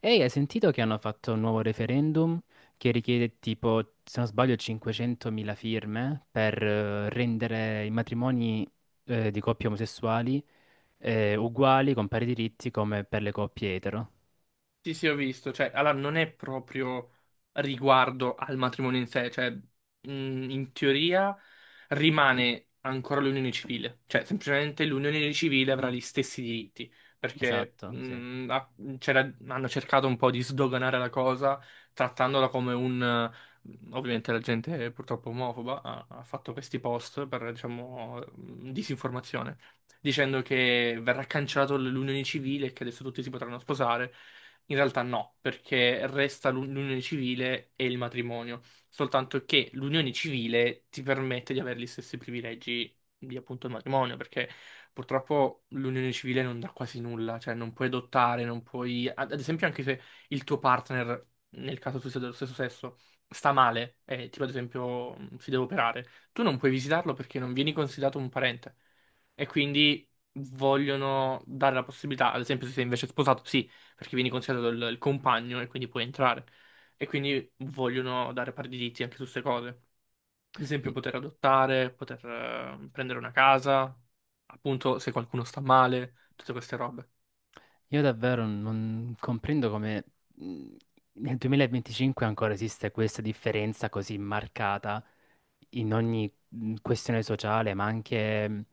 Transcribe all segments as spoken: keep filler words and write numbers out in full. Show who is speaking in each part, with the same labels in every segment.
Speaker 1: Ehi, hai sentito che hanno fatto un nuovo referendum che richiede tipo, se non sbaglio, cinquecentomila firme per eh, rendere i matrimoni eh, di coppie omosessuali eh, uguali, con pari diritti come per le coppie etero?
Speaker 2: Sì, sì, ho visto, cioè, allora non è proprio riguardo al matrimonio in sé, cioè, mh, in teoria rimane ancora l'unione civile, cioè, semplicemente l'unione civile avrà gli stessi diritti, perché
Speaker 1: Esatto, sì.
Speaker 2: mh, ha- c'era- hanno cercato un po' di sdoganare la cosa, trattandola come un... eh, Ovviamente la gente purtroppo omofoba ha, ha fatto questi post per, diciamo, mh, disinformazione, dicendo che verrà cancellato l- l'unione civile e che adesso tutti si potranno sposare. In realtà no, perché resta l'u- l'unione civile e il matrimonio, soltanto che l'unione civile ti permette di avere gli stessi privilegi di appunto il matrimonio, perché purtroppo l'unione civile non dà quasi nulla, cioè non puoi adottare, non puoi... Ad ad esempio anche se il tuo partner, nel caso tu sia dello stesso sesso, sta male, eh, tipo ad esempio, mh, si deve operare, tu non puoi visitarlo perché non vieni considerato un parente, e quindi vogliono dare la possibilità, ad esempio se sei invece sposato, sì, perché vieni considerato il, il compagno, e quindi puoi entrare e quindi vogliono dare pari diritti anche su queste cose. Ad esempio
Speaker 1: I-
Speaker 2: poter adottare, poter eh, prendere una casa, appunto se qualcuno sta male, tutte queste robe.
Speaker 1: Io davvero non comprendo come mh, nel duemilaventicinque ancora esiste questa differenza così marcata in ogni mh, questione sociale, ma anche mh,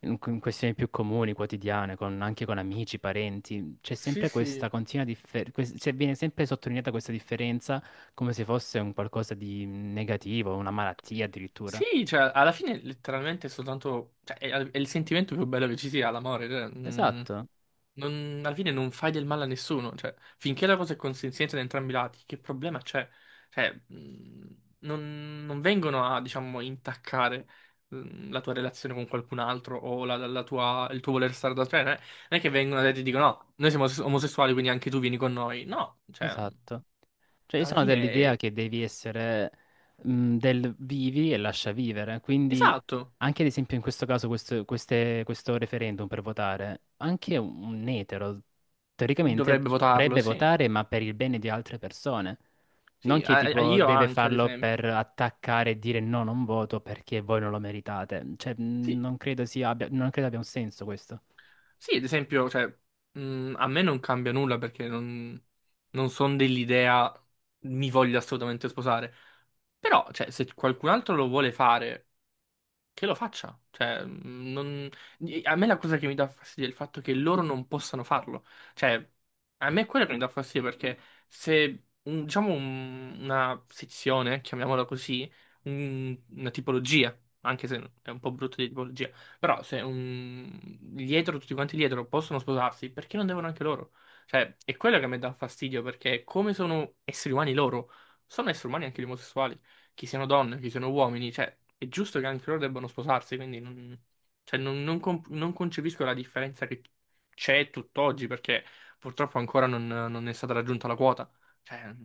Speaker 1: in in questioni più comuni, quotidiane, con- anche con amici, parenti, c'è
Speaker 2: Sì,
Speaker 1: sempre
Speaker 2: sì.
Speaker 1: questa continua differenza, viene sempre sottolineata questa differenza come se fosse un qualcosa di mm, negativo, una malattia addirittura.
Speaker 2: Sì, cioè, alla fine letteralmente è soltanto... Cioè, è, è il sentimento più bello che ci sia, l'amore. Cioè, mm.
Speaker 1: Esatto,
Speaker 2: Non- alla fine non fai del male a nessuno, cioè, finché la cosa è consenziente da entrambi i lati, che problema c'è? Cioè, mh, non, non vengono a, diciamo, intaccare, mh, la tua relazione con qualcun altro o la- la- la tua- il tuo voler stare da te, eh. non è che vengono e ti dicono no, noi siamo os- omosessuali, quindi anche tu vieni con noi. No, cioè,
Speaker 1: esatto. Cioè, io
Speaker 2: alla
Speaker 1: sono dell'idea
Speaker 2: fine,
Speaker 1: che devi essere mh, del vivi e lascia vivere, quindi
Speaker 2: esatto,
Speaker 1: anche ad esempio in questo caso questo, queste- questo referendum per votare, anche un un etero teoricamente
Speaker 2: dovrebbe votarlo,
Speaker 1: dovrebbe
Speaker 2: sì.
Speaker 1: votare ma per il bene di altre persone, non
Speaker 2: Sì,
Speaker 1: che
Speaker 2: a- a-
Speaker 1: tipo
Speaker 2: io
Speaker 1: deve
Speaker 2: anche, ad
Speaker 1: farlo
Speaker 2: esempio.
Speaker 1: per attaccare e dire no, non voto perché voi non lo meritate, cioè mh,
Speaker 2: Sì,
Speaker 1: non credo sia abbia, non credo abbia un senso questo.
Speaker 2: sì, ad esempio, cioè, mh, a me non cambia nulla perché non, non sono dell'idea mi voglio assolutamente sposare. Però, cioè, se qualcun altro lo vuole fare, che lo faccia. Cioè, mh, non- a me la cosa che mi dà fastidio è il fatto che loro non possano farlo. Cioè, a me è quello che mi dà fastidio, perché se, un- diciamo, un- una sezione, chiamiamola così, un- una tipologia, anche se è un po' brutto di tipologia, però se un, gli etero, tutti quanti gli etero possono sposarsi, perché non devono anche loro? Cioè, è quello che a me dà fastidio perché come sono esseri umani loro, sono esseri umani anche gli omosessuali, che siano donne, che siano uomini, cioè è giusto che anche loro debbano sposarsi, quindi non, cioè, non- non comp- non concepisco la differenza che c'è tutt'oggi, perché purtroppo ancora non, non è stata raggiunta la quota. Cioè,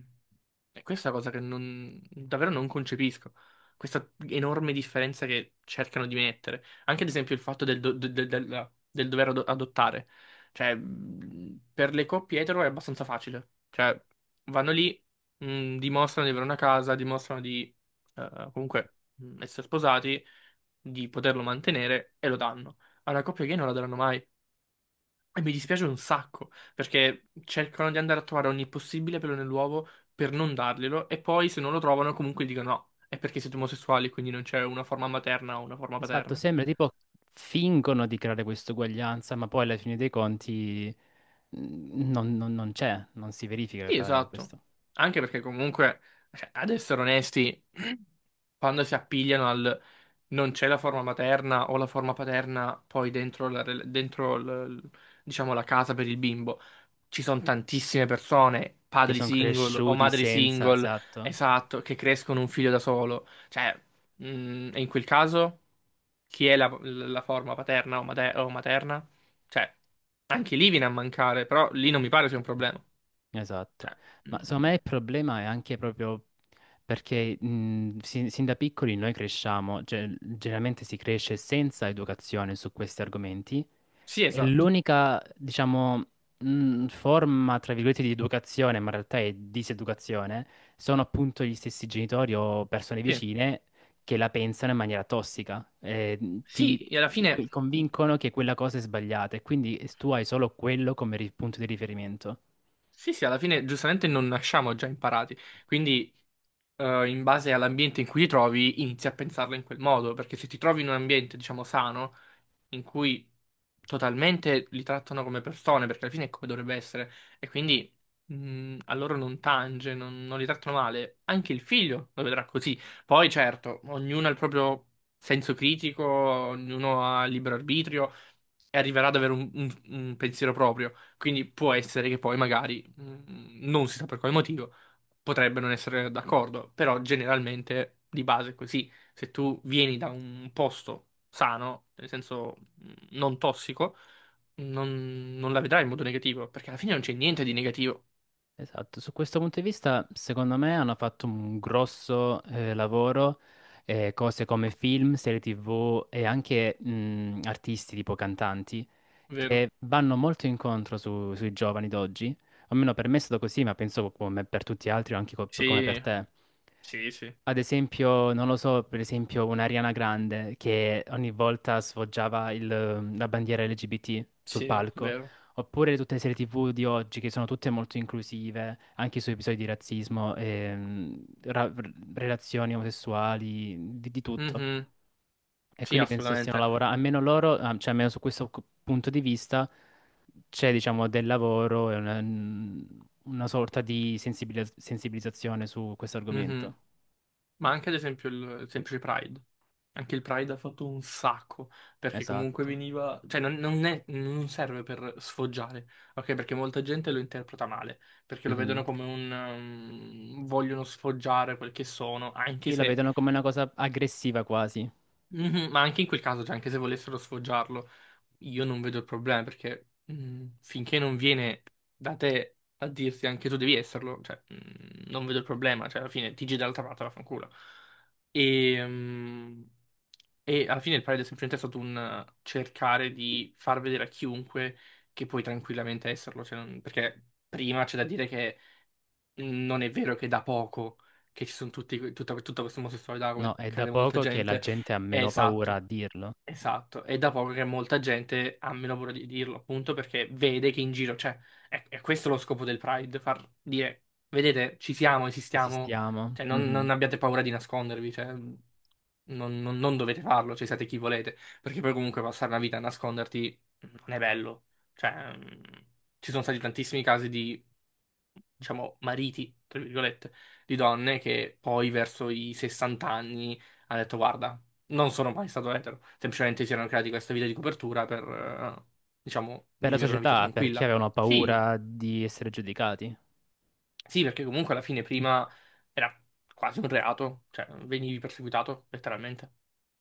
Speaker 2: è questa cosa che non, davvero non concepisco. Questa enorme differenza che cercano di mettere. Anche ad esempio il fatto del, do- del- del- del- del dover ado- adottare. Cioè, mh, per le coppie etero è abbastanza facile. Cioè, vanno lì, mh, dimostrano di avere una casa, dimostrano di eh, comunque, mh, essere sposati, di poterlo mantenere, e lo danno. Alla coppia gay non la daranno mai. E mi dispiace un sacco, perché cercano di andare a trovare ogni possibile pelo nell'uovo per non darglielo, e poi se non lo trovano comunque dicono no, è perché siete omosessuali, quindi non c'è una forma materna o una forma
Speaker 1: Esatto,
Speaker 2: paterna.
Speaker 1: sembra tipo fingono di creare questa uguaglianza, ma poi alla fine dei conti... Mm, non, non- non c'è, non si verifica
Speaker 2: Sì,
Speaker 1: tale
Speaker 2: esatto.
Speaker 1: questo.
Speaker 2: Anche perché comunque, cioè, ad essere onesti, quando si appigliano al non c'è la forma materna o la forma paterna poi dentro la, rel- dentro l- diciamo, la casa per il bimbo, ci sono tantissime persone,
Speaker 1: Che
Speaker 2: padri
Speaker 1: sono
Speaker 2: single o
Speaker 1: cresciuti
Speaker 2: madri
Speaker 1: senza...
Speaker 2: single,
Speaker 1: Esatto,
Speaker 2: esatto, che crescono un figlio da solo. Cioè, mh, e in quel caso, chi è la, la forma paterna o mate- o materna? Cioè, anche lì viene a mancare, però lì non mi pare sia un problema.
Speaker 1: esatto.
Speaker 2: Cioè,
Speaker 1: Ma secondo
Speaker 2: mm,
Speaker 1: me il problema è anche proprio perché mm, sin, sin da piccoli noi cresciamo, cioè, generalmente si cresce senza educazione su questi argomenti.
Speaker 2: sì,
Speaker 1: È
Speaker 2: esatto.
Speaker 1: l'unica, diciamo, mh, forma, tra virgolette, di educazione, ma in realtà è diseducazione, sono appunto gli stessi genitori o persone
Speaker 2: Sì,
Speaker 1: vicine che la pensano in maniera tossica, eh, ti,
Speaker 2: sì, e alla
Speaker 1: ti
Speaker 2: fine.
Speaker 1: co- convincono che quella cosa è sbagliata e quindi tu hai solo quello come ri- punto di riferimento.
Speaker 2: Sì, sì, alla fine giustamente non nasciamo già imparati, quindi eh, in base all'ambiente in cui ti trovi inizi a pensarla in quel modo, perché se ti trovi in un ambiente, diciamo, sano, in cui totalmente li trattano come persone, perché alla fine è come dovrebbe essere, e quindi mh, a loro non tange, non, non li trattano male, anche il figlio lo vedrà così. Poi certo, ognuno ha il proprio senso critico, ognuno ha libero arbitrio e arriverà ad avere un un- un pensiero proprio. Quindi può essere che poi magari, mm, non si sa per quale motivo, potrebbe non essere d'accordo, però generalmente di base è così. Se tu vieni da un posto sano, nel senso mm, non tossico, non, non la vedrai in modo negativo, perché alla fine non c'è niente di negativo,
Speaker 1: Esatto, su questo punto di vista, secondo me, hanno fatto un grosso eh, lavoro, eh, cose come film, serie T V e anche mh, artisti tipo cantanti
Speaker 2: vero?
Speaker 1: che vanno molto incontro su- sui giovani d'oggi, almeno per me è stato così, ma penso come per tutti gli altri, o anche co- come per
Speaker 2: Sì,
Speaker 1: te.
Speaker 2: sì, sì,
Speaker 1: Ad esempio, non lo so, per esempio un'Ariana Grande che ogni volta sfoggiava il- la bandiera L G B T sul
Speaker 2: sì, è
Speaker 1: palco,
Speaker 2: vero.
Speaker 1: oppure tutte le serie T V di oggi che sono tutte molto inclusive, anche su episodi di razzismo, ehm, ra- relazioni omosessuali, di, di tutto.
Speaker 2: Mhm.
Speaker 1: E
Speaker 2: Sì,
Speaker 1: quindi penso stiano
Speaker 2: assolutamente.
Speaker 1: lavorando, almeno loro, ah, cioè almeno su questo cu- punto di vista, c'è diciamo del lavoro e una, una sorta di sensibili- sensibilizzazione su questo
Speaker 2: Mhm.
Speaker 1: argomento.
Speaker 2: Ma anche ad esempio il il semplice Pride. Anche il Pride ha fatto un sacco, perché comunque
Speaker 1: Esatto.
Speaker 2: veniva, cioè non, non è- non serve per sfoggiare, ok? Perché molta gente lo interpreta male, perché lo
Speaker 1: Mhm.
Speaker 2: vedono come un um, vogliono sfoggiare quel che sono, anche
Speaker 1: Sì, la
Speaker 2: se...
Speaker 1: vedono come una cosa aggressiva quasi.
Speaker 2: Mhm, ma anche in quel caso, cioè anche se volessero sfoggiarlo, io non vedo il problema, perché mm, finché non viene da te a dirti anche tu devi esserlo, cioè, mm, non vedo il problema, cioè alla fine ti giri dall'altra parte, vaffanculo. E, e alla fine il Pride è semplicemente stato un eh, cercare di far vedere a chiunque che puoi tranquillamente esserlo, cioè non- perché prima c'è da dire che non è vero che è da poco che ci sono tutti, tutta, tutto questo omosessualità,
Speaker 1: No,
Speaker 2: come
Speaker 1: è da
Speaker 2: crede molta
Speaker 1: poco che la
Speaker 2: gente,
Speaker 1: gente ha
Speaker 2: è
Speaker 1: meno paura a
Speaker 2: esatto.
Speaker 1: dirlo.
Speaker 2: Esatto, è da poco che molta gente ha meno paura di dirlo, appunto perché vede che in giro c'è. È, è questo lo scopo del Pride, far dire, vedete, ci siamo, esistiamo,
Speaker 1: Esistiamo.
Speaker 2: cioè non,
Speaker 1: Mhm.
Speaker 2: non abbiate paura di nascondervi, cioè, non, non- non dovete farlo, cioè siete chi volete, perché poi comunque passare una vita a nasconderti non è bello. Cioè, mm, ci sono stati tantissimi casi di, diciamo, mariti, tra virgolette, di donne che poi verso i sessanta anni hanno detto, guarda, non sono mai stato etero, semplicemente si erano creati questa vita di copertura per, eh, diciamo,
Speaker 1: Per la
Speaker 2: vivere una vita
Speaker 1: società, perché
Speaker 2: tranquilla.
Speaker 1: avevano
Speaker 2: Sì,
Speaker 1: paura di essere giudicati.
Speaker 2: sì, perché comunque alla fine prima era quasi un reato, cioè venivi perseguitato, letteralmente.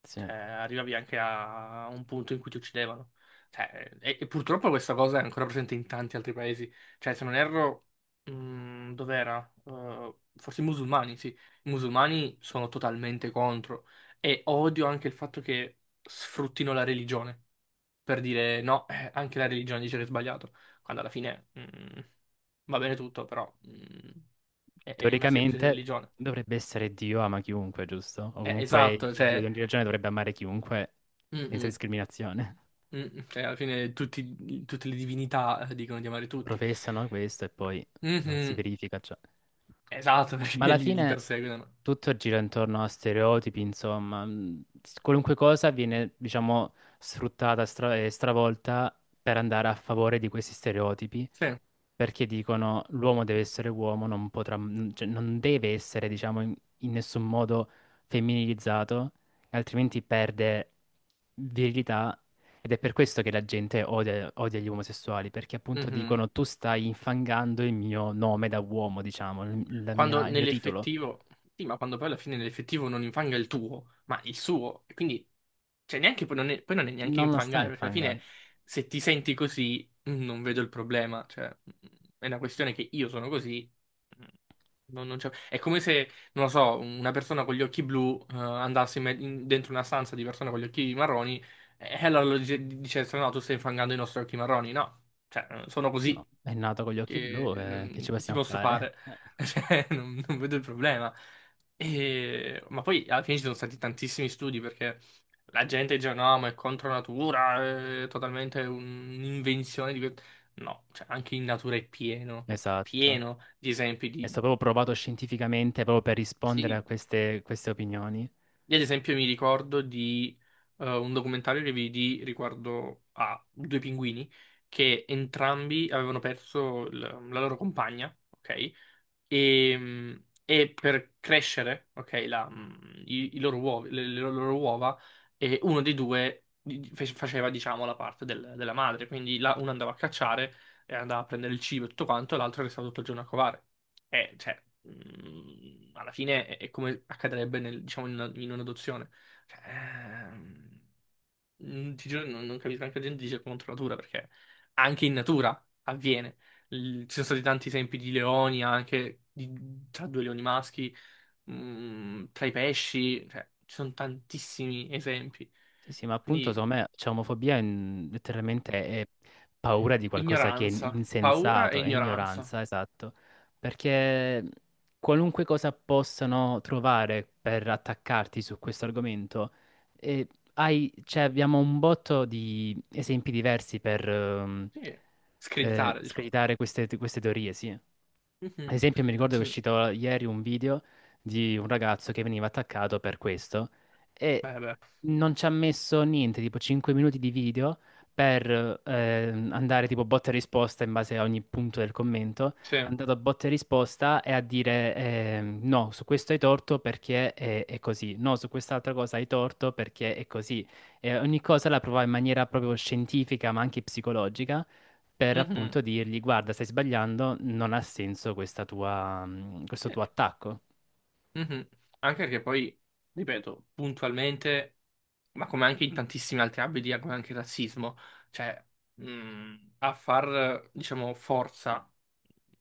Speaker 1: Sì.
Speaker 2: Cioè, arrivavi anche a un punto in cui ti uccidevano. Cioè, e, e purtroppo questa cosa è ancora presente in tanti altri paesi. Cioè, se non erro, mh, dov'era? Eh, forse i musulmani, sì. I musulmani sono totalmente contro. E odio anche il fatto che sfruttino la religione per dire no, eh, anche la religione dice che è sbagliato. Quando alla fine, mh, va bene tutto, però, mh, è, è una semplice
Speaker 1: Teoricamente
Speaker 2: religione.
Speaker 1: dovrebbe essere Dio ama chiunque, giusto? O
Speaker 2: Eh,
Speaker 1: comunque
Speaker 2: esatto,
Speaker 1: il Dio di
Speaker 2: cioè.
Speaker 1: ogni religione dovrebbe amare chiunque
Speaker 2: Mm,
Speaker 1: senza
Speaker 2: mm.
Speaker 1: discriminazione.
Speaker 2: Mm, cioè, alla fine tutti- tutte le divinità eh, dicono di amare tutti.
Speaker 1: Professano questo e poi non si
Speaker 2: Mhm.
Speaker 1: verifica ciò.
Speaker 2: Esatto,
Speaker 1: Ma
Speaker 2: perché
Speaker 1: alla
Speaker 2: li, li
Speaker 1: fine
Speaker 2: perseguono.
Speaker 1: tutto gira intorno a stereotipi, insomma. mh, s- Qualunque cosa viene, diciamo, sfruttata stra- e stravolta per andare a favore di questi stereotipi
Speaker 2: Sì.
Speaker 1: perché dicono l'uomo deve essere uomo, non potrà, n- cioè, non deve essere, diciamo, in, in nessun modo femminilizzato, altrimenti perde virilità ed è per questo che la gente odia, odia gli omosessuali, perché appunto
Speaker 2: Mm-hmm.
Speaker 1: dicono tu stai infangando il mio nome da uomo, diciamo, il, la
Speaker 2: Quando
Speaker 1: mia- il mio titolo.
Speaker 2: nell'effettivo, sì, ma quando poi alla fine nell'effettivo non infanga il tuo, ma il suo, e quindi cioè neanche, poi, non è, poi non è neanche
Speaker 1: Non lo stai
Speaker 2: infangare, perché alla fine
Speaker 1: infangando.
Speaker 2: se ti senti così, mm, non vedo il problema, cioè, mm, è una questione che io sono così, mm, non, non c'è- è come se, non lo so, una persona con gli occhi blu eh, andasse in me- in- dentro una stanza di persone con gli occhi marroni, e allora lo dice, dice, no, tu stai infangando i nostri occhi marroni, no, cioè, eh, sono
Speaker 1: No,
Speaker 2: così,
Speaker 1: è nato con gli occhi
Speaker 2: che,
Speaker 1: blu, eh, che
Speaker 2: ehm,
Speaker 1: ci
Speaker 2: che ti
Speaker 1: possiamo
Speaker 2: posso
Speaker 1: fare?
Speaker 2: fare?
Speaker 1: Eh,
Speaker 2: Cioè, non non vedo il problema. E- ma poi alla fine ci sono stati tantissimi studi, perché la gente dice no, ma è contro natura, è totalmente un'invenzione di que-". No, cioè, anche in natura è pieno, è
Speaker 1: Esatto.
Speaker 2: pieno di esempi
Speaker 1: È stato
Speaker 2: di...
Speaker 1: proprio provato scientificamente proprio per rispondere a
Speaker 2: Sì.
Speaker 1: queste queste opinioni.
Speaker 2: Io ad esempio mi ricordo di eh, un documentario che vidi riguardo a due pinguini che entrambi avevano perso il- la loro compagna, ok? E, mh, e per crescere, ok, la, mh, i, i loro uova, le, le loro uova, eh, uno dei due di- fe- faceva, diciamo, la parte del- della madre, quindi la, uno andava a cacciare e andava a prendere il cibo e tutto quanto, e l'altro restava tutto il giorno a covare. E, cioè, mh, alla fine è, è come accadrebbe nel- diciamo, in una- in un'adozione. Cioè, ehm, Mm, ti giuro, non, non capisco, anche la gente dice contro natura perché anche in natura avviene. Il- ci sono stati tanti esempi di leoni, anche di- tra due leoni maschi, mm, tra i pesci, cioè, ci sono tantissimi esempi.
Speaker 1: Sì, sì, ma appunto
Speaker 2: Quindi
Speaker 1: secondo me c'è omofobia in- letteralmente è paura di qualcosa che è
Speaker 2: ignoranza, paura e
Speaker 1: insensato, è
Speaker 2: ignoranza.
Speaker 1: ignoranza, esatto, perché qualunque cosa possano trovare per attaccarti su questo argomento, eh, hai- cioè, abbiamo un botto di esempi diversi per ehm,
Speaker 2: Sì,
Speaker 1: eh,
Speaker 2: screditare, diciamo.
Speaker 1: screditare queste, queste teorie, sì. Ad
Speaker 2: Mhm.
Speaker 1: esempio, mi ricordo che è
Speaker 2: Infatti,
Speaker 1: uscito ieri un video di un ragazzo che veniva attaccato per questo e
Speaker 2: beh, beh,
Speaker 1: non ci ha messo niente, tipo cinque minuti di video per ehm, andare tipo botta e risposta in base a ogni punto del commento. È
Speaker 2: sì.
Speaker 1: andato a botta e risposta e a dire ehm, no, su questo hai torto perché è, è così, no, su quest'altra cosa hai torto perché è così. E ogni cosa la provava in maniera proprio scientifica ma anche psicologica per
Speaker 2: Mhm.
Speaker 1: appunto dirgli: Guarda, stai sbagliando, non ha senso questa tua, mh, questo
Speaker 2: Sì.
Speaker 1: tuo attacco.
Speaker 2: Mhm. Anche perché poi, ripeto, puntualmente, ma come anche in tantissimi altri ambiti, eh, come anche il razzismo, cioè, mh, a far, diciamo, forza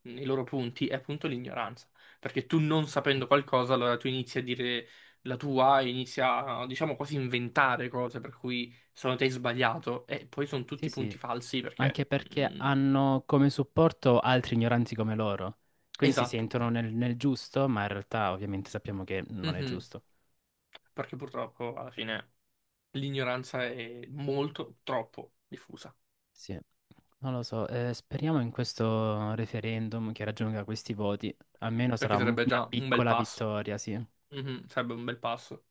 Speaker 2: nei loro punti è appunto l'ignoranza. Perché tu non sapendo qualcosa, allora tu inizi a dire la tua, inizi a, diciamo, quasi inventare cose per cui secondo te hai sbagliato, e poi sono
Speaker 1: Sì,
Speaker 2: tutti
Speaker 1: sì,
Speaker 2: punti falsi perché...
Speaker 1: anche perché
Speaker 2: mh,
Speaker 1: hanno come supporto altri ignoranti come loro. Quindi si
Speaker 2: esatto.
Speaker 1: sentono nel, nel giusto, ma in realtà ovviamente sappiamo che non è
Speaker 2: Mhm.
Speaker 1: giusto.
Speaker 2: Perché purtroppo alla fine l'ignoranza è molto, troppo diffusa,
Speaker 1: Sì, non lo so. Eh, speriamo in questo referendum che raggiunga questi voti. Almeno sarà
Speaker 2: perché
Speaker 1: un-
Speaker 2: sarebbe
Speaker 1: una
Speaker 2: già un bel
Speaker 1: piccola
Speaker 2: passo.
Speaker 1: vittoria, sì.
Speaker 2: Mhm, sarebbe un bel passo.